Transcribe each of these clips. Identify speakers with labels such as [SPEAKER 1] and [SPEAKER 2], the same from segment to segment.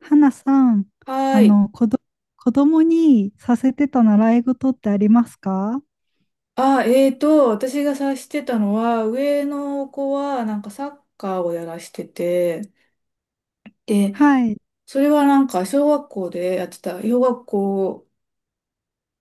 [SPEAKER 1] 花さん、あ
[SPEAKER 2] はい。
[SPEAKER 1] の、子ど、子供にさせてた習い事ってありますか？
[SPEAKER 2] あ、私が察してたのは、上の子はなんかサッカーをやらしてて、で、
[SPEAKER 1] はい。
[SPEAKER 2] それはなんか小学校でやってた、小学校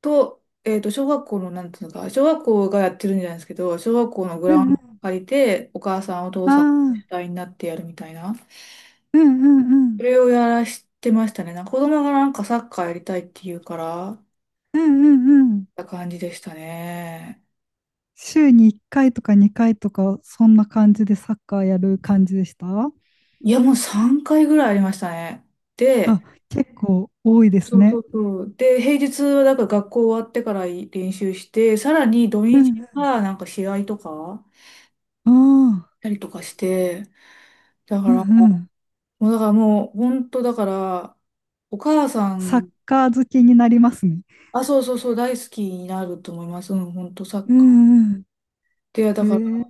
[SPEAKER 2] と、小学校の、なんていうのか、小学校がやってるんじゃないですけど、小学校のグ
[SPEAKER 1] う
[SPEAKER 2] ラウ
[SPEAKER 1] んう
[SPEAKER 2] ンド
[SPEAKER 1] ん。
[SPEAKER 2] 借りて、お母さん、お父
[SPEAKER 1] あ
[SPEAKER 2] さん、
[SPEAKER 1] あ、
[SPEAKER 2] 主体になってやるみたいな、
[SPEAKER 1] うんうんう
[SPEAKER 2] そ
[SPEAKER 1] ん。
[SPEAKER 2] れをやらしてましたね。なんか子供がなんかサッカーやりたいって言うから、
[SPEAKER 1] うんうんうん。
[SPEAKER 2] た感じでしたね。
[SPEAKER 1] 週に1回とか2回とか、そんな感じでサッカーやる感じでした？
[SPEAKER 2] いや、もう3回ぐらいありましたね。
[SPEAKER 1] あ、
[SPEAKER 2] で、
[SPEAKER 1] 結構多いです
[SPEAKER 2] そうそ
[SPEAKER 1] ね。
[SPEAKER 2] うそう。で、平日はだから学校終わってから練習して、さらに土
[SPEAKER 1] う
[SPEAKER 2] 日
[SPEAKER 1] ん
[SPEAKER 2] はなんか試合とか
[SPEAKER 1] うん。ああ、
[SPEAKER 2] したりとかして、だか
[SPEAKER 1] うん
[SPEAKER 2] ら、
[SPEAKER 1] うん。
[SPEAKER 2] もうだからもう本当だから、お母さ
[SPEAKER 1] サッ
[SPEAKER 2] ん、
[SPEAKER 1] カー好きになりますね。
[SPEAKER 2] あ、そうそうそう、大好きになると思います。うん、本当サッ
[SPEAKER 1] う
[SPEAKER 2] カー。
[SPEAKER 1] んうん。
[SPEAKER 2] で、だ
[SPEAKER 1] え
[SPEAKER 2] か
[SPEAKER 1] ー、
[SPEAKER 2] ら、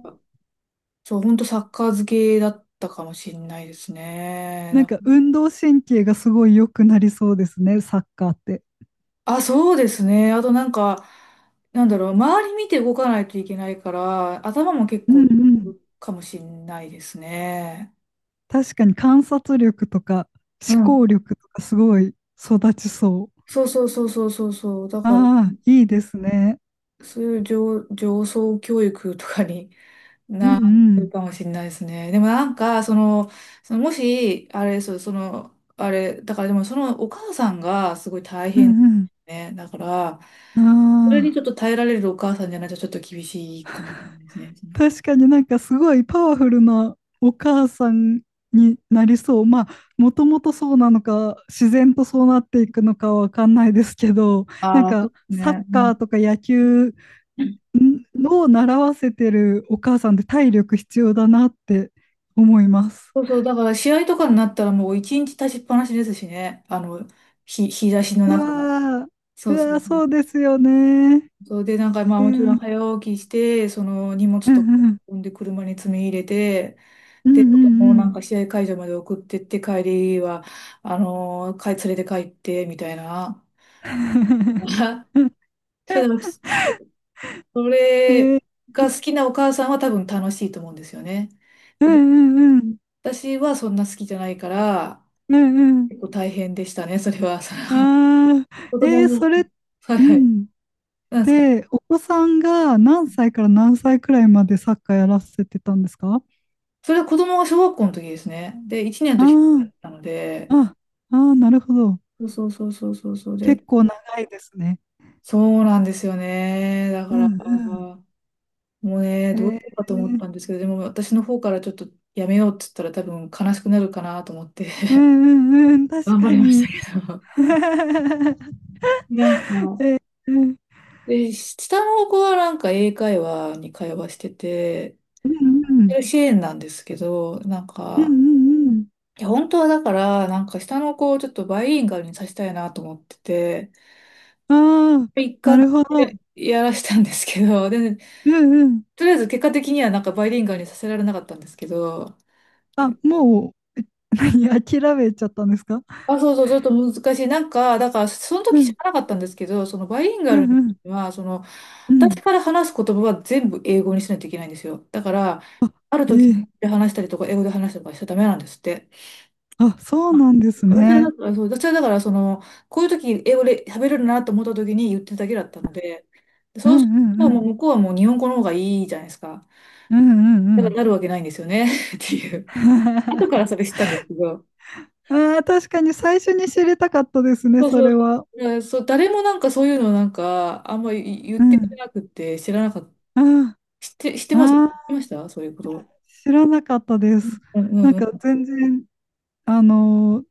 [SPEAKER 2] そう、本当サッカー漬けだったかもしれないですね。
[SPEAKER 1] なんか
[SPEAKER 2] だ
[SPEAKER 1] 運動神経がすごい良くなりそうですね、サッカーって。
[SPEAKER 2] あ、そうですね。あとなんか、なんだろう、周り見て動かないといけないから、頭も結
[SPEAKER 1] うん
[SPEAKER 2] 構
[SPEAKER 1] うん。
[SPEAKER 2] かもしれないですね。
[SPEAKER 1] 確かに観察力とか
[SPEAKER 2] う
[SPEAKER 1] 思
[SPEAKER 2] ん。
[SPEAKER 1] 考力とかすごい育ちそう。
[SPEAKER 2] そうそうそうそうそうそう。だから、
[SPEAKER 1] ああ、いいですね。
[SPEAKER 2] そういう上層教育とかに
[SPEAKER 1] うん
[SPEAKER 2] な
[SPEAKER 1] う
[SPEAKER 2] る
[SPEAKER 1] ん。
[SPEAKER 2] かもしれないですね。でもなんか、その、そのもし、あれ、そう、その、あれ、だからでもそのお母さんがすごい大
[SPEAKER 1] う
[SPEAKER 2] 変
[SPEAKER 1] ん
[SPEAKER 2] ね。だから、
[SPEAKER 1] う
[SPEAKER 2] そ
[SPEAKER 1] ん。
[SPEAKER 2] れに
[SPEAKER 1] あ
[SPEAKER 2] ちょっ
[SPEAKER 1] あ、
[SPEAKER 2] と耐えられるお母さんじゃないとちょっと厳しいかもしれないですね。
[SPEAKER 1] 確かになんかすごいパワフルなお母さんになりそう。まあ、もともとそうなのか、自然とそうなっていくのかわかんないですけど、なん
[SPEAKER 2] ああ、そう
[SPEAKER 1] か
[SPEAKER 2] です
[SPEAKER 1] サッ
[SPEAKER 2] ね。う
[SPEAKER 1] カ
[SPEAKER 2] ん
[SPEAKER 1] ーとか野球んを習わせてるお母さんって体力必要だなって思います。
[SPEAKER 2] そうそう、だから試合とかになったらもう一日立ちっぱなしですしね。あの、日差しの
[SPEAKER 1] う
[SPEAKER 2] 中。
[SPEAKER 1] わー、
[SPEAKER 2] そ
[SPEAKER 1] う
[SPEAKER 2] うそ
[SPEAKER 1] わ
[SPEAKER 2] う。
[SPEAKER 1] ー、そうですよね。
[SPEAKER 2] そうで、なんか、まあ、
[SPEAKER 1] う
[SPEAKER 2] もち
[SPEAKER 1] ん、
[SPEAKER 2] ろ
[SPEAKER 1] う
[SPEAKER 2] ん
[SPEAKER 1] ん、
[SPEAKER 2] 早起きして、その荷物
[SPEAKER 1] う
[SPEAKER 2] とか
[SPEAKER 1] ん、
[SPEAKER 2] 運んで車に積み入れて、
[SPEAKER 1] うん、
[SPEAKER 2] で、子供を
[SPEAKER 1] う
[SPEAKER 2] なん
[SPEAKER 1] ん。
[SPEAKER 2] か試合会場まで送ってって、帰りは、かい連れて帰って、みたいな。
[SPEAKER 1] うん
[SPEAKER 2] それでも、そ
[SPEAKER 1] え
[SPEAKER 2] れ
[SPEAKER 1] ー、
[SPEAKER 2] が好きなお母さんは多分楽しいと思うんですよね。
[SPEAKER 1] うん、
[SPEAKER 2] で、
[SPEAKER 1] うん、うん、
[SPEAKER 2] 私はそんな好きじゃないから、
[SPEAKER 1] うん
[SPEAKER 2] 結構大変でしたね、それは。そ
[SPEAKER 1] う
[SPEAKER 2] の
[SPEAKER 1] ん。ああ、
[SPEAKER 2] 子供の、はい
[SPEAKER 1] う
[SPEAKER 2] はい。
[SPEAKER 1] ん。
[SPEAKER 2] なんですか？
[SPEAKER 1] で、お子さんが何歳から何歳くらいまでサッカーやらせてたんですか？
[SPEAKER 2] それは子供が小学校の時ですね。で、1年の
[SPEAKER 1] あ
[SPEAKER 2] 時だ
[SPEAKER 1] ー
[SPEAKER 2] ったので、
[SPEAKER 1] あ、ああ、なるほど。
[SPEAKER 2] そうそうそうそうそうそう
[SPEAKER 1] 結
[SPEAKER 2] で、
[SPEAKER 1] 構長いですね。
[SPEAKER 2] そうなんですよね。だか
[SPEAKER 1] う
[SPEAKER 2] ら、
[SPEAKER 1] んう
[SPEAKER 2] もうね、
[SPEAKER 1] ん。
[SPEAKER 2] どうしようかと思ったん
[SPEAKER 1] ー、
[SPEAKER 2] ですけど、でも私の方からちょっとやめようって言ったら多分悲しくなるかなと思って
[SPEAKER 1] うんうんうん、確
[SPEAKER 2] 頑張
[SPEAKER 1] か
[SPEAKER 2] りまし
[SPEAKER 1] に。
[SPEAKER 2] たけど。なんか、
[SPEAKER 1] えー
[SPEAKER 2] で、下の子はなんか英会話に会話してて、
[SPEAKER 1] うんうん。
[SPEAKER 2] 支援なんですけど、なん
[SPEAKER 1] うんう
[SPEAKER 2] か、
[SPEAKER 1] んうん。
[SPEAKER 2] いや、本当はだから、なんか下の子をちょっとバイリンガルにさせたいなと思ってて、
[SPEAKER 1] ああ、
[SPEAKER 2] 一
[SPEAKER 1] な
[SPEAKER 2] 貫
[SPEAKER 1] るほど。
[SPEAKER 2] でやらしたんですけど、で
[SPEAKER 1] うんうん。
[SPEAKER 2] とりあえず結果的にはなんかバイリンガルにさせられなかったんですけど、
[SPEAKER 1] あ、もう、何、諦めちゃったんですか？
[SPEAKER 2] あ、そうそう、ちょっと難しい。なんか、だからその
[SPEAKER 1] う
[SPEAKER 2] 時知
[SPEAKER 1] ん
[SPEAKER 2] らなかったんですけど、そのバイリン
[SPEAKER 1] う
[SPEAKER 2] ガル
[SPEAKER 1] んうん。
[SPEAKER 2] は、その、
[SPEAKER 1] うん。
[SPEAKER 2] 私から話す言葉は全部英語にしないといけないんですよ。だから、ある
[SPEAKER 1] あ、
[SPEAKER 2] 時
[SPEAKER 1] ええ
[SPEAKER 2] で話したりとか、英語で話したりとかしちゃダメなんですって。
[SPEAKER 1] あ、そうなんです
[SPEAKER 2] 私は
[SPEAKER 1] ね。
[SPEAKER 2] だから、そう、私はだから、その、こういう時英語で喋れるなと思った時に言ってるだけだったので、
[SPEAKER 1] うん
[SPEAKER 2] そうする
[SPEAKER 1] うん
[SPEAKER 2] と
[SPEAKER 1] う
[SPEAKER 2] もう
[SPEAKER 1] ん。
[SPEAKER 2] 向こうはもう日本語の方がいいじゃないですか。
[SPEAKER 1] うんうんう
[SPEAKER 2] だから
[SPEAKER 1] ん。
[SPEAKER 2] なるわけないんですよね っていう。後 からそれ知ったんですけど。
[SPEAKER 1] ああ、確かに最初に知りたかったですね、
[SPEAKER 2] そう
[SPEAKER 1] そ
[SPEAKER 2] そう
[SPEAKER 1] れ
[SPEAKER 2] そ
[SPEAKER 1] は。
[SPEAKER 2] う、うんそう、誰もなんかそういうのなんか、あんまり言っ
[SPEAKER 1] う
[SPEAKER 2] てくれ
[SPEAKER 1] ん。
[SPEAKER 2] なくて、知らなかった。
[SPEAKER 1] あ
[SPEAKER 2] 知って、知って
[SPEAKER 1] あ、
[SPEAKER 2] ます知って
[SPEAKER 1] あ
[SPEAKER 2] ま
[SPEAKER 1] あ、
[SPEAKER 2] したそういうこと。
[SPEAKER 1] 知らなかったです。
[SPEAKER 2] うんう
[SPEAKER 1] なん
[SPEAKER 2] んう
[SPEAKER 1] か
[SPEAKER 2] ん。
[SPEAKER 1] 全然。あの、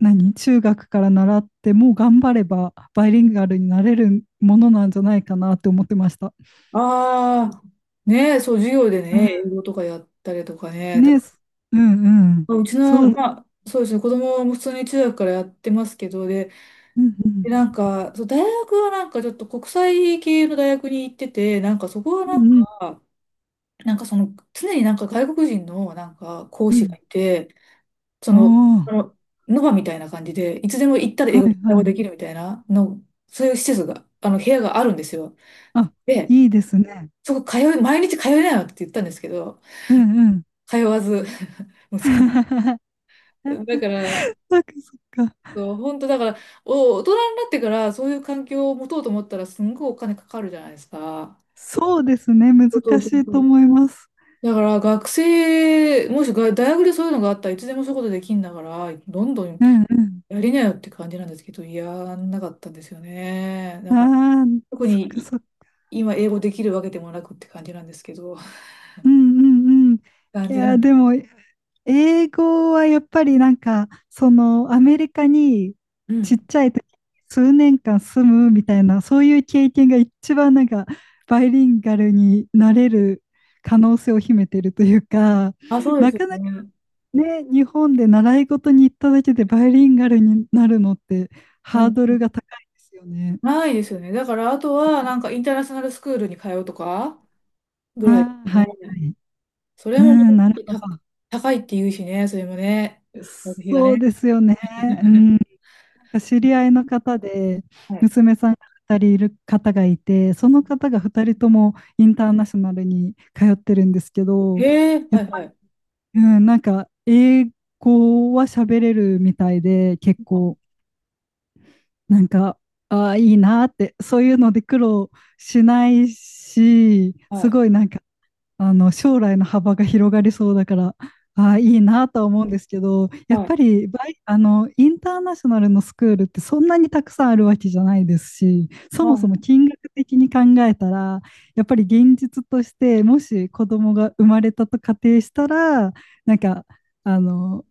[SPEAKER 1] 何中学から習ってもう頑張ればバイリンガルになれるものなんじゃないかなって思ってました。
[SPEAKER 2] ああ、ねえ、そう、授業で
[SPEAKER 1] う
[SPEAKER 2] ね、英
[SPEAKER 1] ん
[SPEAKER 2] 語とかやったりとかね。だ
[SPEAKER 1] ね
[SPEAKER 2] か
[SPEAKER 1] すうんうん。
[SPEAKER 2] らうち
[SPEAKER 1] そ
[SPEAKER 2] の、
[SPEAKER 1] う、
[SPEAKER 2] まあ、そうですね、子供も普通に中学からやってますけど、で、
[SPEAKER 1] うんうん。
[SPEAKER 2] でなんか、そう、大学はなんかちょっと国際系の大学に行ってて、なんかそこはな
[SPEAKER 1] う
[SPEAKER 2] ん
[SPEAKER 1] んうん。
[SPEAKER 2] か、なんかその、常になんか外国人のなんか講
[SPEAKER 1] う
[SPEAKER 2] 師が
[SPEAKER 1] ん
[SPEAKER 2] いて、その、あ
[SPEAKER 1] あ
[SPEAKER 2] の、ノバみたいな感じで、いつでも行ったら
[SPEAKER 1] あ、
[SPEAKER 2] 英
[SPEAKER 1] は
[SPEAKER 2] 語
[SPEAKER 1] い
[SPEAKER 2] で対応
[SPEAKER 1] は
[SPEAKER 2] でき
[SPEAKER 1] い。
[SPEAKER 2] るみたいなの、そういう施設が、あの、部屋があるんですよ。
[SPEAKER 1] あ、
[SPEAKER 2] で、
[SPEAKER 1] いいですね。
[SPEAKER 2] そこ通い、毎日通えないわって言ったんですけど、
[SPEAKER 1] うんうん。
[SPEAKER 2] 通わず、息子。だから、
[SPEAKER 1] そっかそっか。
[SPEAKER 2] そう、本当だから、大人になってからそういう環境を持とうと思ったら、すんごいお金かかるじゃないですか。
[SPEAKER 1] そうですね。難し
[SPEAKER 2] そうそうそう
[SPEAKER 1] い
[SPEAKER 2] そ
[SPEAKER 1] と
[SPEAKER 2] う。
[SPEAKER 1] 思います。
[SPEAKER 2] だから学生、もしが大学でそういうのがあったらいつでもそういうことできんだから、どんどん
[SPEAKER 1] うんう
[SPEAKER 2] やりなよって感じなんですけど、やんなかったんですよね。
[SPEAKER 1] ん。
[SPEAKER 2] だから
[SPEAKER 1] ああ、
[SPEAKER 2] 特
[SPEAKER 1] そっか
[SPEAKER 2] に
[SPEAKER 1] そっか。
[SPEAKER 2] 今英語できるわけでもなくって感じなんですけど、
[SPEAKER 1] うんうんうん。い
[SPEAKER 2] 感じな
[SPEAKER 1] やー、
[SPEAKER 2] ん、
[SPEAKER 1] でも英語はやっぱりなんか、そのアメリカに
[SPEAKER 2] う
[SPEAKER 1] ち
[SPEAKER 2] ん。
[SPEAKER 1] っちゃい時に数年間住むみたいな、そういう経験が一番なんかバイリンガルになれる可能性を秘めてるというか、
[SPEAKER 2] あ、そ うで
[SPEAKER 1] な
[SPEAKER 2] すよ
[SPEAKER 1] かなか
[SPEAKER 2] ね。
[SPEAKER 1] ね、日本で習い事に行っただけでバイリンガルになるのって
[SPEAKER 2] う
[SPEAKER 1] ハー
[SPEAKER 2] ん。
[SPEAKER 1] ド
[SPEAKER 2] う
[SPEAKER 1] ル
[SPEAKER 2] ん
[SPEAKER 1] が高いですよね。
[SPEAKER 2] ないですよね。だから、あとは、なんか、インターナショナルスクールに通うとか、ぐらいです
[SPEAKER 1] ああ、は
[SPEAKER 2] ね。
[SPEAKER 1] い、はい。
[SPEAKER 2] そ
[SPEAKER 1] う
[SPEAKER 2] れも、
[SPEAKER 1] ん、なるほ
[SPEAKER 2] た、
[SPEAKER 1] ど。
[SPEAKER 2] 高いって言うしね、それもね。学費が
[SPEAKER 1] そうで
[SPEAKER 2] ね。
[SPEAKER 1] すよね。う んなんか知り合いの方で、
[SPEAKER 2] はい。
[SPEAKER 1] 娘さんが2人いる方がいて、その方が2人ともインターナショナルに通ってるんですけど、
[SPEAKER 2] へえ、
[SPEAKER 1] や
[SPEAKER 2] は
[SPEAKER 1] っ
[SPEAKER 2] い
[SPEAKER 1] ぱ
[SPEAKER 2] はい。
[SPEAKER 1] り、うん、なんか英語は喋れるみたいで、結
[SPEAKER 2] はい。
[SPEAKER 1] 構、なんか、ああ、いいなって、そういうので苦労しないし、
[SPEAKER 2] は
[SPEAKER 1] す
[SPEAKER 2] い。
[SPEAKER 1] ごいなんかあの将来の幅が広がりそうだから、ああ、いいなとは思うんですけど、やっ
[SPEAKER 2] はい。
[SPEAKER 1] ぱりバイ、あの、インターナショナルのスクールってそんなにたくさんあるわけじゃないですし、そもそも金額的に考えたら、やっぱり現実として、もし子供が生まれたと仮定したら、なんか、あの、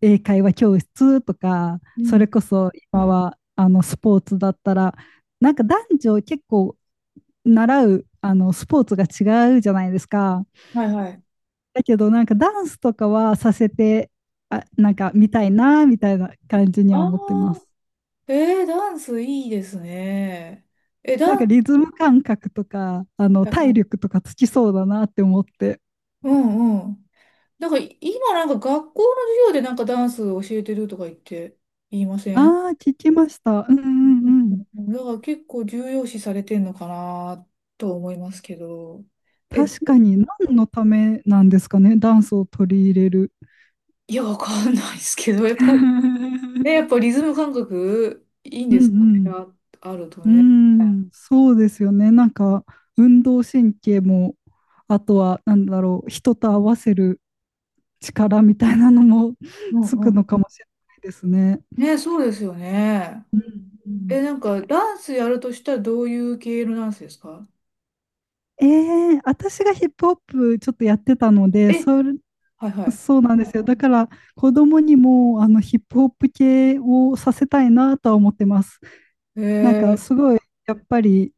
[SPEAKER 1] 英会話教室とか、
[SPEAKER 2] う
[SPEAKER 1] それ
[SPEAKER 2] ん。
[SPEAKER 1] こそ今は、スポーツだったら、なんか男女結構習う、スポーツが違うじゃないですか。
[SPEAKER 2] はいはい。
[SPEAKER 1] だけど、なんかダンスとかはさせて、あ、なんか見たいな、みたいな感じに
[SPEAKER 2] あ
[SPEAKER 1] は
[SPEAKER 2] あ、
[SPEAKER 1] 思ってます。
[SPEAKER 2] えー、ダンスいいですね。え、
[SPEAKER 1] なん
[SPEAKER 2] ダ
[SPEAKER 1] か
[SPEAKER 2] ンス、
[SPEAKER 1] リズム感覚とか、体力とかつきそうだなって思って。
[SPEAKER 2] うんうん。なんか今なんか学校の授業でなんかダンス教えてるとか言って言いません？
[SPEAKER 1] ああ、聞きました。うんう
[SPEAKER 2] うん
[SPEAKER 1] んう
[SPEAKER 2] う
[SPEAKER 1] ん。
[SPEAKER 2] んうん、だから結構重要視されてんのかなと思いますけど。え、
[SPEAKER 1] 確かに、何のためなんですかね、ダンスを取り入れる。
[SPEAKER 2] いや、わかんないですけど、やっぱ、ね、やっぱリズム感覚いいん
[SPEAKER 1] う
[SPEAKER 2] ですかね、
[SPEAKER 1] ん
[SPEAKER 2] あ、あると
[SPEAKER 1] う
[SPEAKER 2] ね。
[SPEAKER 1] ん。うん、そうですよね。なんか、運動神経も、あとは、なんだろう、人と合わせる力みたいなのも
[SPEAKER 2] うん
[SPEAKER 1] つ
[SPEAKER 2] う
[SPEAKER 1] く
[SPEAKER 2] ん。
[SPEAKER 1] のかもしれないですね。
[SPEAKER 2] ね、そうですよね。
[SPEAKER 1] うんうん
[SPEAKER 2] え、なんかダンスやるとしたらどういう系のダンスですか？
[SPEAKER 1] え私がヒップホップちょっとやってたので、
[SPEAKER 2] え、はいはい。
[SPEAKER 1] そうなんですよ。だから子供にもあのヒップホップ系をさせたいなとは思ってます。
[SPEAKER 2] え
[SPEAKER 1] なんか
[SPEAKER 2] ー、
[SPEAKER 1] すごいやっぱり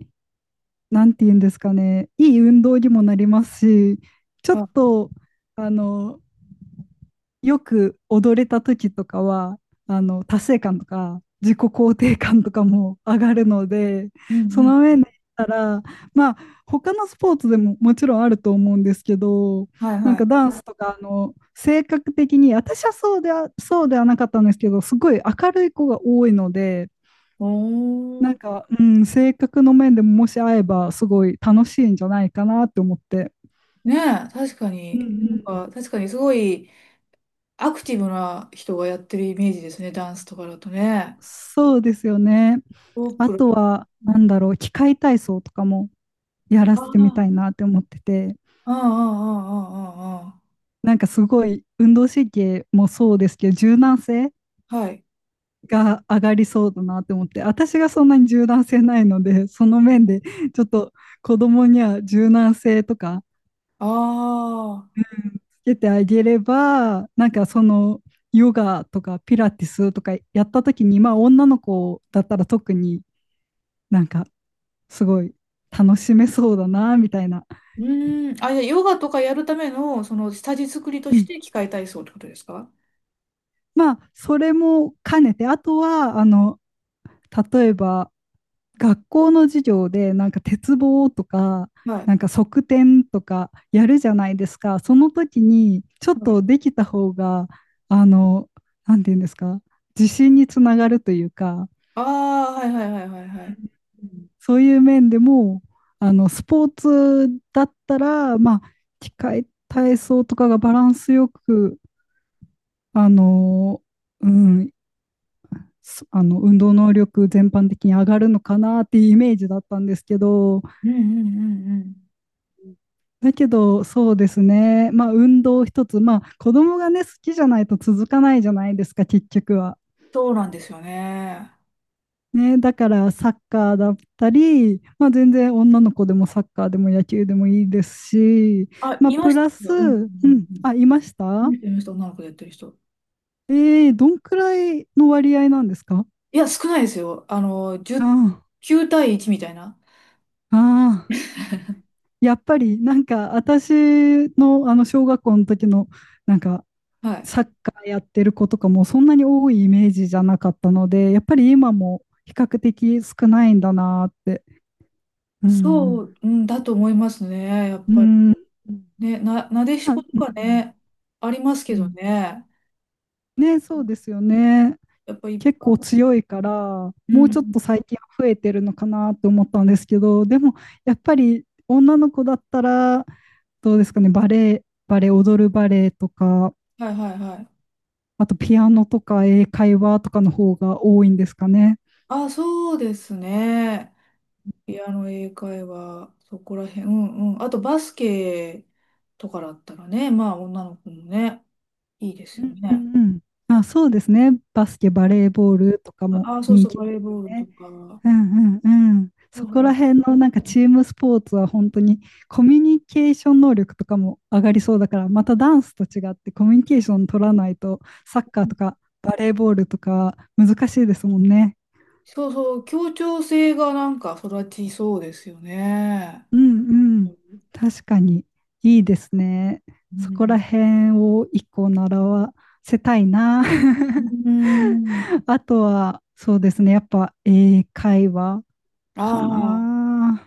[SPEAKER 1] なんて言うんですかね、いい運動にもなりますし、ちょっ
[SPEAKER 2] あ、
[SPEAKER 1] とあのよく踊れた時とかは、達成感とか、自己肯定感とかも上がるので、
[SPEAKER 2] うん
[SPEAKER 1] そ
[SPEAKER 2] う
[SPEAKER 1] の
[SPEAKER 2] ん。
[SPEAKER 1] 上で言ったら、まあ、他のスポーツでももちろんあると思うんですけど、
[SPEAKER 2] はい
[SPEAKER 1] なん
[SPEAKER 2] は
[SPEAKER 1] か
[SPEAKER 2] い。
[SPEAKER 1] ダンスとか、性格的に、私はそうではなかったんですけど、すごい明るい子が多いので、
[SPEAKER 2] お
[SPEAKER 1] なん
[SPEAKER 2] ー。
[SPEAKER 1] か、うん、性格の面でももし会えば、すごい楽しいんじゃないかなって思って。
[SPEAKER 2] ねえ、確か
[SPEAKER 1] うん
[SPEAKER 2] に、な
[SPEAKER 1] うん。
[SPEAKER 2] んか、確かにすごいアクティブな人がやってるイメージですね、ダンスとかだとね。
[SPEAKER 1] そうですよね。
[SPEAKER 2] オー
[SPEAKER 1] あ
[SPEAKER 2] プロ
[SPEAKER 1] と
[SPEAKER 2] と、
[SPEAKER 1] は、
[SPEAKER 2] う
[SPEAKER 1] なん
[SPEAKER 2] ん。
[SPEAKER 1] だろう、器械体操とかもやら
[SPEAKER 2] ああ、
[SPEAKER 1] せてみたいなって思ってて、
[SPEAKER 2] ああ、ああ、あ
[SPEAKER 1] なんかすごい運動神経もそうですけど、柔軟性
[SPEAKER 2] あ、ああ、はい。
[SPEAKER 1] が上がりそうだなって思って、私がそんなに柔軟性ないので、その面でちょっと子供には柔軟性とか
[SPEAKER 2] ああ、
[SPEAKER 1] つけてあげれば、なんかヨガとかピラティスとかやった時に、まあ女の子だったら特になんかすごい楽しめそうだなみたいな、
[SPEAKER 2] うーん。あ、じゃあヨガとかやるための、その、下地作りと
[SPEAKER 1] う
[SPEAKER 2] し
[SPEAKER 1] ん、
[SPEAKER 2] て器械体操ってことですか？
[SPEAKER 1] まあ、それも兼ねて、あとは、例えば、学校の授業で、なんか鉄棒とか、
[SPEAKER 2] はい。
[SPEAKER 1] なんか側転とかやるじゃないですか。その時に、ちょっ
[SPEAKER 2] はい。
[SPEAKER 1] とできた方が、あの、なんていうんですか、自信につながるというか、
[SPEAKER 2] ああ、はいはいはいはいはい。
[SPEAKER 1] うんそういう面でも、スポーツだったら、まあ、機械体操とかがバランスよく、あの、うん、あの運動能力全般的に上がるのかなっていうイメージだったんですけど、
[SPEAKER 2] うんうんうんうん。
[SPEAKER 1] だけどそうですね、まあ、運動一つ、まあ、子供がね、好きじゃないと続かないじゃないですか、結局は。
[SPEAKER 2] そうなんですよね。
[SPEAKER 1] ね、だからサッカーだったり、まあ、全然女の子でもサッカーでも野球でもいいですし、
[SPEAKER 2] あ、
[SPEAKER 1] まあ、
[SPEAKER 2] いま
[SPEAKER 1] プ
[SPEAKER 2] した
[SPEAKER 1] ラス、
[SPEAKER 2] よ。うん
[SPEAKER 1] う
[SPEAKER 2] うんうん
[SPEAKER 1] ん、
[SPEAKER 2] う
[SPEAKER 1] あ、い
[SPEAKER 2] ん。
[SPEAKER 1] ました。
[SPEAKER 2] 見てました、女の子でやってる人。
[SPEAKER 1] どんくらいの割合なんですか？
[SPEAKER 2] いや、少ないですよ。あの、
[SPEAKER 1] あ
[SPEAKER 2] 10、9対1みたいな。
[SPEAKER 1] あ、ああ。やっぱりなんか私のあの小学校の時のなんか
[SPEAKER 2] はい。
[SPEAKER 1] サッカーやってる子とかもそんなに多いイメージじゃなかったので、やっぱり今も比較的少ないんだなって。う
[SPEAKER 2] そ
[SPEAKER 1] ん。
[SPEAKER 2] う、うんだと思いますね。やっ
[SPEAKER 1] う
[SPEAKER 2] ぱり。
[SPEAKER 1] ん。
[SPEAKER 2] ね、な、なでし
[SPEAKER 1] まあ、
[SPEAKER 2] こと
[SPEAKER 1] う
[SPEAKER 2] か
[SPEAKER 1] ん。
[SPEAKER 2] ね、あります
[SPEAKER 1] う
[SPEAKER 2] けど
[SPEAKER 1] ん
[SPEAKER 2] ね。
[SPEAKER 1] ね、そうですよね。
[SPEAKER 2] やっぱ一
[SPEAKER 1] 結構
[SPEAKER 2] 般、
[SPEAKER 1] 強いから、
[SPEAKER 2] う
[SPEAKER 1] もうちょっ
[SPEAKER 2] ん。
[SPEAKER 1] と最近は増えてるのかなって思ったんですけど、でもやっぱり女の子だったら、どうですかね、バレエ、踊るバレエとか、
[SPEAKER 2] はいはいはい。
[SPEAKER 1] あとピアノとか英会話とかの方が多いんですかね？
[SPEAKER 2] あ、そうですね。ピアノ英会話、そこら辺。うんうん。あとバスケとかだったらね、まあ女の子もね、いいです
[SPEAKER 1] う
[SPEAKER 2] よ
[SPEAKER 1] んう
[SPEAKER 2] ね。
[SPEAKER 1] んうん。あ、そうですね。バスケ、バレーボールとかも
[SPEAKER 2] あ、そう
[SPEAKER 1] 人
[SPEAKER 2] そう、
[SPEAKER 1] 気で
[SPEAKER 2] バレー
[SPEAKER 1] すよ
[SPEAKER 2] ボールと
[SPEAKER 1] ね。
[SPEAKER 2] か。
[SPEAKER 1] うんうんうん。
[SPEAKER 2] だ
[SPEAKER 1] そ
[SPEAKER 2] か
[SPEAKER 1] こら
[SPEAKER 2] ら
[SPEAKER 1] 辺のなんかチームスポーツは本当にコミュニケーション能力とかも上がりそうだから、またダンスと違ってコミュニケーション取らないとサッカーとかバレーボールとか難しいですもんね。
[SPEAKER 2] そうそう、協調性がなんか育ちそうですよね。
[SPEAKER 1] うんうん。確かに、いいですね。
[SPEAKER 2] う
[SPEAKER 1] そこ
[SPEAKER 2] ん
[SPEAKER 1] ら辺を一個習わせたいな。
[SPEAKER 2] う ん。
[SPEAKER 1] あとは、そうですね。やっぱ英会話か
[SPEAKER 2] あ。
[SPEAKER 1] な。